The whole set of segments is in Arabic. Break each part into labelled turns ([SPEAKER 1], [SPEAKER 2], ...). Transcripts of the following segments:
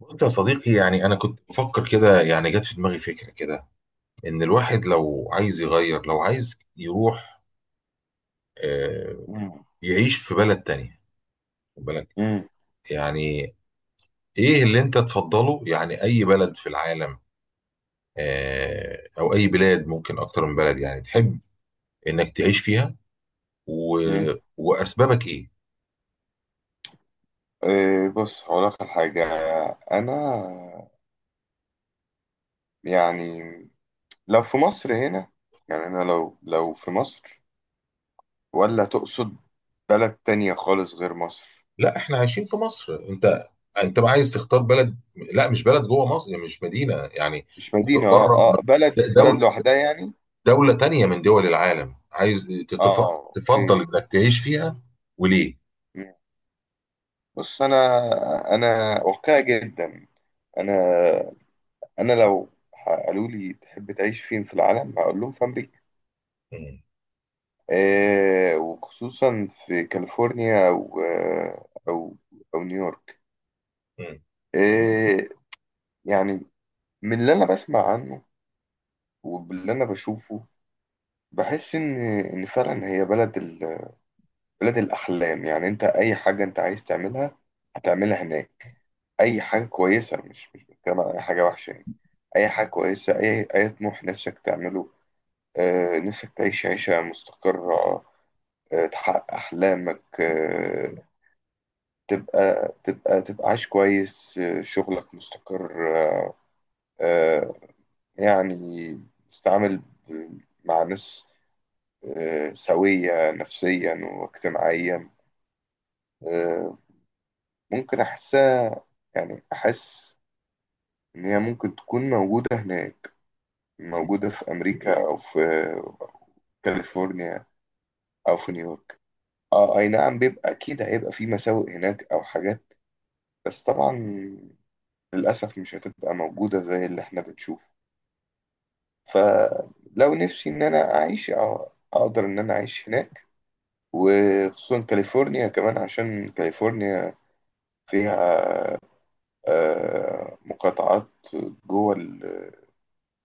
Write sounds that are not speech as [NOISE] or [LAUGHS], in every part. [SPEAKER 1] قلت يا صديقي، أنا كنت بفكر كده. جت في دماغي فكرة كده، إن الواحد لو عايز يغير، لو عايز يروح آه،
[SPEAKER 2] مم.
[SPEAKER 1] يعيش في بلد تانية. خد بالك،
[SPEAKER 2] مم.
[SPEAKER 1] يعني إيه اللي أنت تفضله؟ يعني أي بلد في العالم، أو أي بلاد، ممكن أكتر من بلد، تحب إنك تعيش فيها، و...
[SPEAKER 2] مم.
[SPEAKER 1] وأسبابك إيه؟
[SPEAKER 2] إيه، بص هقول لك على حاجة. أنا يعني لو في مصر هنا، يعني أنا لو في مصر، ولا تقصد بلد تانية خالص غير مصر؟
[SPEAKER 1] لا، إحنا عايشين في مصر. أنت بقى عايز تختار بلد، لا مش بلد جوه مصر، يعني مش مدينة يعني.
[SPEAKER 2] مش مدينة،
[SPEAKER 1] بره،
[SPEAKER 2] بلد
[SPEAKER 1] دولة،
[SPEAKER 2] بلد لوحدها يعني.
[SPEAKER 1] دولة تانية من دول العالم، عايز
[SPEAKER 2] اه،
[SPEAKER 1] تفضل
[SPEAKER 2] اوكي.
[SPEAKER 1] انك تعيش فيها. وليه؟
[SPEAKER 2] مم. بص، أنا واقعي جدا. أنا أنا لو قالوا لي تحب تعيش فين في العالم، هقول لهم في أمريكا.
[SPEAKER 1] مم.
[SPEAKER 2] وخصوصا في كاليفورنيا، أو نيويورك.
[SPEAKER 1] مم.
[SPEAKER 2] آه، يعني من اللي أنا بسمع عنه وباللي أنا بشوفه، بحس إن فعلا هي بلد الأحلام. يعني أنت أي حاجة أنت عايز تعملها هتعملها هناك. أي حاجة كويسة، مش بتكلم عن أي حاجة وحشة يعني. أي حاجة كويسة، أي طموح نفسك تعمله، نفسك تعيش عيشة مستقرة، تحقق أحلامك، تبقى عايش كويس، آه، شغلك مستقر، آه، يعني تتعامل ب- مع ناس، سوية نفسيا واجتماعيا. آه، ممكن أحسها. يعني أحس إن هي ممكن تكون موجودة هناك، موجودة في أمريكا، أو في كاليفورنيا، أو في نيويورك. اه، اي نعم، بيبقى اكيد هيبقى في مساوئ هناك او حاجات، بس طبعا للاسف مش هتبقى موجوده زي اللي احنا بنشوفه. فلو نفسي ان انا اعيش أ- اقدر ان انا اعيش هناك، وخصوصا كاليفورنيا كمان، عشان كاليفورنيا فيها مقاطعات جوه ال-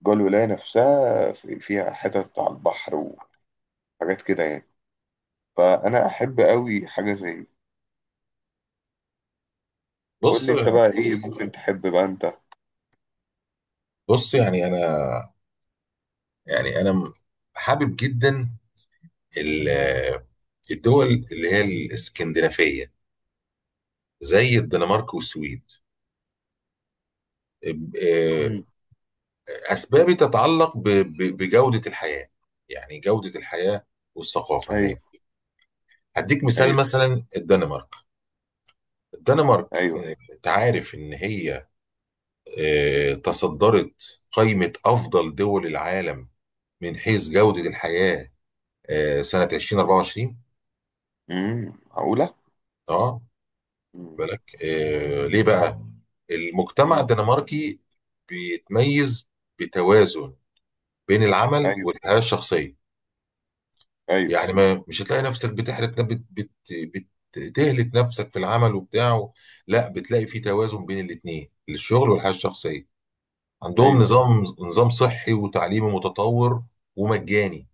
[SPEAKER 2] جوه الولاية نفسها، فيها حتت على البحر وحاجات كده يعني. فانا احب قوي حاجة زي دي. قول
[SPEAKER 1] بص.
[SPEAKER 2] لي انت بقى، ايه ممكن تحب بقى انت؟
[SPEAKER 1] بص، يعني انا م- حابب جدا ال- الدول اللي هي الاسكندنافية، زي الدنمارك والسويد. ب- آه،
[SPEAKER 2] مم.
[SPEAKER 1] اسبابي تتعلق بجودة الحياة. يعني جودة الحياة والثقافة هناك.
[SPEAKER 2] ايوه.
[SPEAKER 1] هديك مثال،
[SPEAKER 2] ايوه.
[SPEAKER 1] مثلا الدنمارك،
[SPEAKER 2] ايوه.
[SPEAKER 1] انت عارف ان هي تصدرت قائمة أفضل دول العالم من حيث جودة الحياة سنة 2024.
[SPEAKER 2] امم، معقولة.
[SPEAKER 1] اه،
[SPEAKER 2] مم.
[SPEAKER 1] بالك؟ ليه بقى؟ المجتمع
[SPEAKER 2] مم.
[SPEAKER 1] الدنماركي بيتميز بتوازن بين العمل
[SPEAKER 2] ايوه،
[SPEAKER 1] والحياة الشخصية.
[SPEAKER 2] ايوه.
[SPEAKER 1] يعني ما مش هتلاقي نفسك بتحرق، بت بت بت تهلك نفسك في العمل وبتاعه. لا، بتلاقي في
[SPEAKER 2] مم.
[SPEAKER 1] توازن بين الاتنين، الشغل والحياة الشخصية. عندهم
[SPEAKER 2] ايوه، أيوه.
[SPEAKER 1] نظام صحي وتعليمي متطور ومجاني.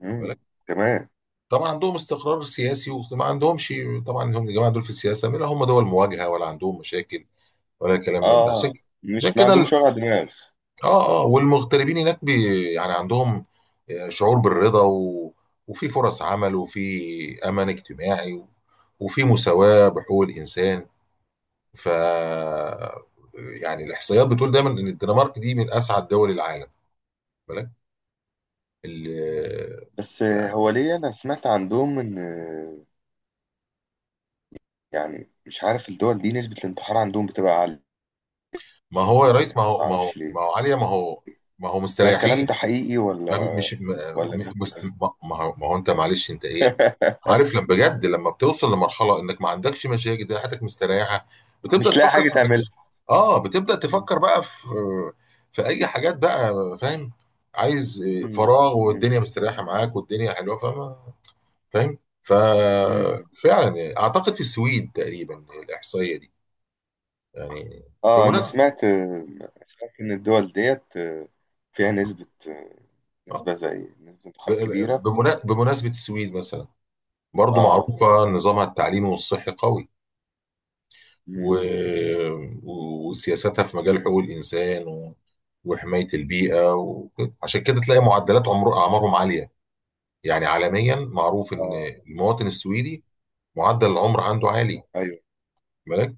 [SPEAKER 2] مم. تمام.
[SPEAKER 1] طبعا عندهم استقرار سياسي، وما عندهمش، طبعا هم الجماعه دول في السياسه لا هم دول مواجهه، ولا عندهم مشاكل، ولا كلام من ده.
[SPEAKER 2] اه،
[SPEAKER 1] عشان اه كده، عشان
[SPEAKER 2] مش ما
[SPEAKER 1] كده
[SPEAKER 2] عندهمش
[SPEAKER 1] ال-
[SPEAKER 2] وجع دماغ.
[SPEAKER 1] اه اه، والمغتربين هناك بي يعني عندهم شعور بالرضا، وفي فرص عمل، وفي امان اجتماعي، وفي مساواه بحقوق الانسان. ف الاحصائيات بتقول دايما ان الدنمارك دي من اسعد دول العالم. بالك ال...
[SPEAKER 2] بس
[SPEAKER 1] يعني.
[SPEAKER 2] هو ليه، انا سمعت عندهم ان، يعني مش عارف الدول دي نسبة الانتحار عندهم بتبقى عالية.
[SPEAKER 1] ما هو يا ريس، ما هو
[SPEAKER 2] ما
[SPEAKER 1] ما هو
[SPEAKER 2] اعرفش
[SPEAKER 1] ما
[SPEAKER 2] ليه.
[SPEAKER 1] هو عليا، ما هو، ما هو
[SPEAKER 2] ده الكلام
[SPEAKER 1] مستريحين.
[SPEAKER 2] ده حقيقي ولا
[SPEAKER 1] ما بي- مش م-
[SPEAKER 2] ولا
[SPEAKER 1] م-
[SPEAKER 2] ده
[SPEAKER 1] مس-
[SPEAKER 2] كلام؟
[SPEAKER 1] ما ما هو، ما هو انت، معلش انت، ايه
[SPEAKER 2] [LAUGHS]
[SPEAKER 1] عارف، لما بجد، لما بتوصل لمرحله انك ما عندكش مشاكل، ده حياتك مستريحه، بتبدا
[SPEAKER 2] مش لاقي
[SPEAKER 1] تفكر
[SPEAKER 2] حاجة
[SPEAKER 1] في حاجات.
[SPEAKER 2] تعملها.
[SPEAKER 1] اه، بتبدا
[SPEAKER 2] م-
[SPEAKER 1] تفكر بقى في، في اي حاجات بقى، فاهم؟ عايز
[SPEAKER 2] م-
[SPEAKER 1] فراغ،
[SPEAKER 2] م-
[SPEAKER 1] والدنيا مستريحه معاك، والدنيا حلوه، فاهم؟ فاهم؟
[SPEAKER 2] م.
[SPEAKER 1] ففعلا اعتقد في السويد تقريبا الاحصائيه دي. يعني
[SPEAKER 2] اه، انا
[SPEAKER 1] بمناسبه،
[SPEAKER 2] سمعت ان الدول ديت فيها نسبة،
[SPEAKER 1] آه،
[SPEAKER 2] نسبة زي نسبة انتحار كبيرة.
[SPEAKER 1] بمناسبه السويد مثلا، برضو
[SPEAKER 2] اه.
[SPEAKER 1] معروفه نظامها التعليمي والصحي قوي، و...
[SPEAKER 2] م.
[SPEAKER 1] وسياساتها في مجال حقوق الإنسان، وحماية البيئة وكده. عشان كده تلاقي أعمارهم عالية. يعني عالميا معروف إن
[SPEAKER 2] اه.
[SPEAKER 1] المواطن السويدي معدل العمر عنده عالي،
[SPEAKER 2] ايوه،
[SPEAKER 1] بالك؟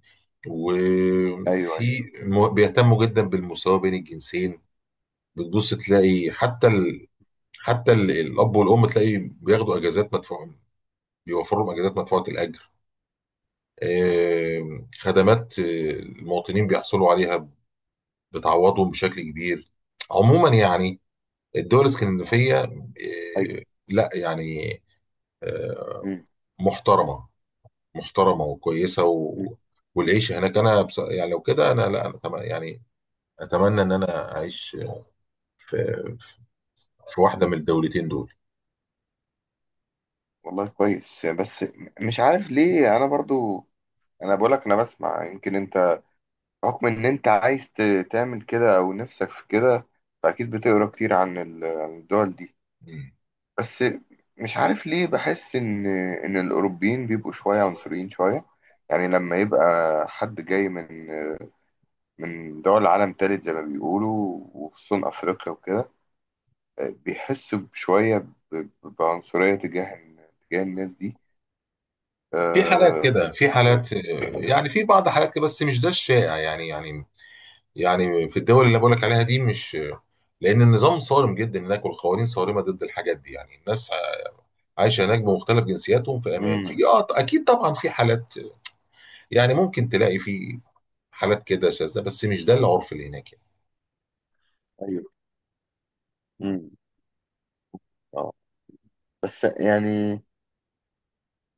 [SPEAKER 2] ايوه، ايوه.
[SPEAKER 1] بيهتموا جدا بالمساواة بين الجنسين. بتبص تلاقي
[SPEAKER 2] م.
[SPEAKER 1] الأب والأم تلاقي بياخدوا أجازات مدفوعة، بيوفروا لهم أجازات مدفوعة الأجر. خدمات المواطنين بيحصلوا عليها، بتعوضهم بشكل كبير. عموما، يعني الدول الاسكندنافية،
[SPEAKER 2] ايوه.
[SPEAKER 1] آه، لا يعني آه،
[SPEAKER 2] م.
[SPEAKER 1] محترمة، محترمة وكويسة، والعيش هناك. يعني لو كده، أنا لا أنا أتم... يعني أتمنى إن أنا أعيش في... في واحدة من الدولتين دول.
[SPEAKER 2] والله كويس، بس مش عارف ليه انا برضو. انا بقولك انا بسمع. يمكن انت رغم ان انت عايز ت- تعمل كده او نفسك في كده، فاكيد بتقرا كتير عن عن الدول دي.
[SPEAKER 1] مم.
[SPEAKER 2] بس مش عارف ليه، بحس ان الاوروبيين بيبقوا شويه عنصريين شويه. يعني لما يبقى حد جاي من دول عالم تالت زي ما بيقولوا، وخصوصا افريقيا وكده، بيحسوا بعنصريه تجاه الناس دي.
[SPEAKER 1] في حالات
[SPEAKER 2] أه.
[SPEAKER 1] كده، في حالات، في بعض حالات كده، بس مش ده الشائع، يعني في الدول اللي بقولك عليها دي، مش، لأن النظام صارم جدا هناك، والقوانين صارمة ضد الحاجات دي، يعني الناس عايش هناك بمختلف جنسياتهم في امان. في، اه اكيد طبعا في حالات، يعني ممكن تلاقي في حالات كده شاذة، بس مش ده العرف اللي هناك يعني.
[SPEAKER 2] ايوه. امم. اه. بس يعني،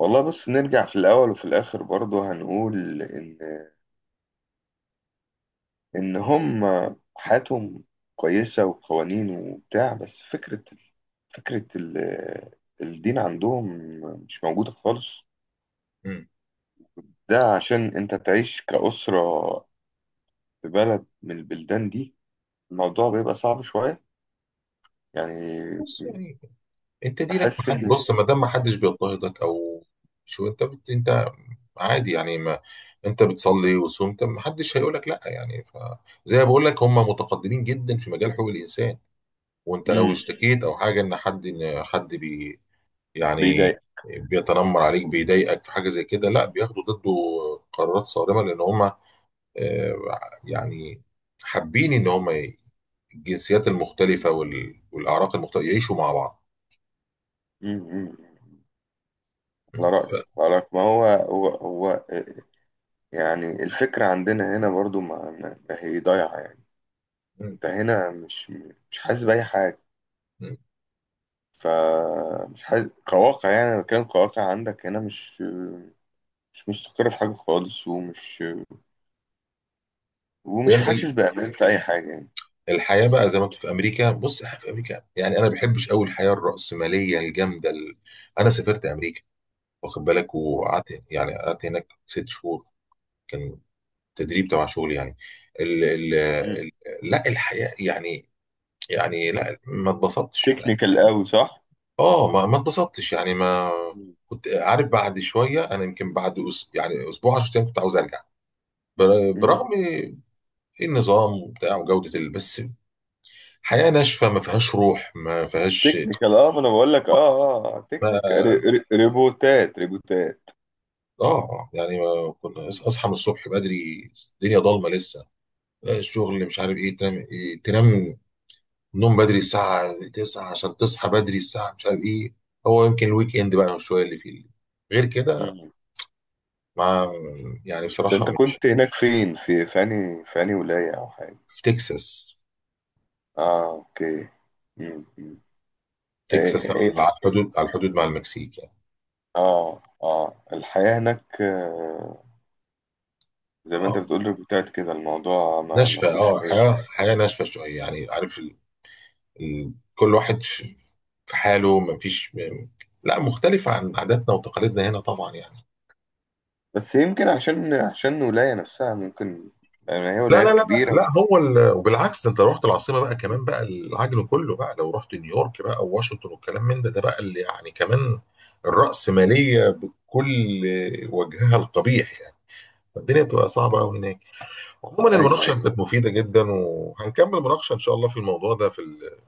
[SPEAKER 2] والله بص، نرجع في الاول وفي الاخر برضه هنقول ان هم، حياتهم كويسه وقوانين وبتاع، بس فكره، فكره ال- الدين عندهم مش موجوده خالص.
[SPEAKER 1] مم.
[SPEAKER 2] ده عشان انت تعيش كأسره في بلد من البلدان دي، الموضوع بيبقى صعب شويه يعني.
[SPEAKER 1] بص، يعني انت دينك، ما
[SPEAKER 2] بحس
[SPEAKER 1] حد،
[SPEAKER 2] ان.
[SPEAKER 1] بص ما دام ما حدش بيضطهدك، او انت عادي، يعني ما انت بتصلي وصمت، ما حدش هيقول لك لا، زي ما بقول لك هم متقدمين جدا في مجال حقوق الانسان. وانت لو
[SPEAKER 2] امم.
[SPEAKER 1] اشتكيت او حاجه، ان حد ان حد بي... يعني
[SPEAKER 2] بيضايق.
[SPEAKER 1] بيتنمر عليك، بيضايقك في حاجه زي كده، لا
[SPEAKER 2] امم.
[SPEAKER 1] بياخدوا ضده قرارات صارمه، لان هم آه، يعني حابين ان هم الجنسيات المختلفه والاعراق المختلفه يعيشوا مع بعض.
[SPEAKER 2] امم. على
[SPEAKER 1] ف...
[SPEAKER 2] رأيك، على رأيك، ما هو هو هو. يعني الفكرة عندنا هنا برضو ما هي ضايعة يعني.
[SPEAKER 1] م-
[SPEAKER 2] انت هنا مش حاسس بأي حاجة،
[SPEAKER 1] م.
[SPEAKER 2] فمش حاسس كواقع يعني. أنا بتكلم كواقع، عندك هنا مش مستقر في حاجة خالص، ومش
[SPEAKER 1] يعني
[SPEAKER 2] حاسس بأمان في أي حاجة يعني.
[SPEAKER 1] الحياه بقى زي ما انتوا في امريكا. بص، احنا في امريكا، يعني انا ما بحبش قوي الحياه الراسماليه الجامده انا سافرت امريكا، واخد بالك، وقعدت، يعني قعدت هناك ست شهور. كان تدريب تبع شغل يعني. ال... ال... ال... لا الحياه، لا، ما اتبسطتش
[SPEAKER 2] تكنيكال
[SPEAKER 1] يعني.
[SPEAKER 2] قوي، صح؟
[SPEAKER 1] اه، ما ما اتبسطتش يعني. ما كنت عارف بعد شويه، انا يمكن بعد يعني اسبوع 10 ايام كنت عاوز ارجع.
[SPEAKER 2] مم.
[SPEAKER 1] برغم إيه، النظام وبتاع وجوده بس حياه ناشفه، ما فيهاش روح، ما فيهاش
[SPEAKER 2] تكنيكال، ما انا بقول لك، اه
[SPEAKER 1] ما...
[SPEAKER 2] تكنيكال. ريبوتات، ريبوتات.
[SPEAKER 1] اه، يعني ما كنا، اصحى من الصبح بدري، الدنيا ضلمه لسه، الشغل، مش عارف ايه، تنام، إيه تنام، نوم بدري الساعه 9 عشان تصحى بدري الساعه مش عارف ايه. هو يمكن الويك اند بقى شويه اللي فيه غير كده.
[SPEAKER 2] مم.
[SPEAKER 1] مع، يعني
[SPEAKER 2] ده
[SPEAKER 1] بصراحة
[SPEAKER 2] انت
[SPEAKER 1] مش،
[SPEAKER 2] كنت هناك فين، في انهي ولاية او حاجة؟
[SPEAKER 1] في تكساس.
[SPEAKER 2] اه، اوكي. مم، مم. ايه
[SPEAKER 1] تكساس
[SPEAKER 2] ايه
[SPEAKER 1] على
[SPEAKER 2] الح...
[SPEAKER 1] الحدود، على الحدود مع المكسيك يعني.
[SPEAKER 2] اه اه الحياة هناك، زي ما انت
[SPEAKER 1] اه
[SPEAKER 2] بتقول ريبوتات كده، الموضوع ما
[SPEAKER 1] ناشفة،
[SPEAKER 2] فيهوش
[SPEAKER 1] اه،
[SPEAKER 2] اي
[SPEAKER 1] حياة،
[SPEAKER 2] حاجة.
[SPEAKER 1] حياة ناشفة شوية يعني. عارف كل واحد في في حاله، لا مختلف عن عاداتنا وتقاليدنا هنا طبعا يعني.
[SPEAKER 2] بس يمكن عشان الولاية نفسها ممكن، لان هي
[SPEAKER 1] لا لا لا
[SPEAKER 2] ولايات
[SPEAKER 1] لا
[SPEAKER 2] كبيرة.
[SPEAKER 1] لا، وبالعكس، ده انت لو رحت العاصمة بقى، كمان بقى العجل كله، بقى لو رحت نيويورك بقى وواشنطن والكلام من ده، ده بقى اللي يعني كمان الرأسمالية بكل وجهها القبيح يعني. الدنيا بتبقى صعبة قوي هناك. عموما،
[SPEAKER 2] ايوه،
[SPEAKER 1] المناقشة
[SPEAKER 2] ايوه.
[SPEAKER 1] كانت مفيدة جدا، وهنكمل مناقشة إن شاء الله في الموضوع ده، في ال-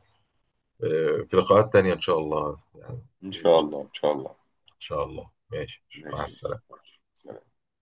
[SPEAKER 1] آه، في لقاءات تانية إن شاء الله يعني.
[SPEAKER 2] ان شاء
[SPEAKER 1] بإذن الله.
[SPEAKER 2] الله، ان شاء الله.
[SPEAKER 1] إن شاء الله. ماشي، مع
[SPEAKER 2] ماشي.
[SPEAKER 1] السلامة.
[SPEAKER 2] سلام.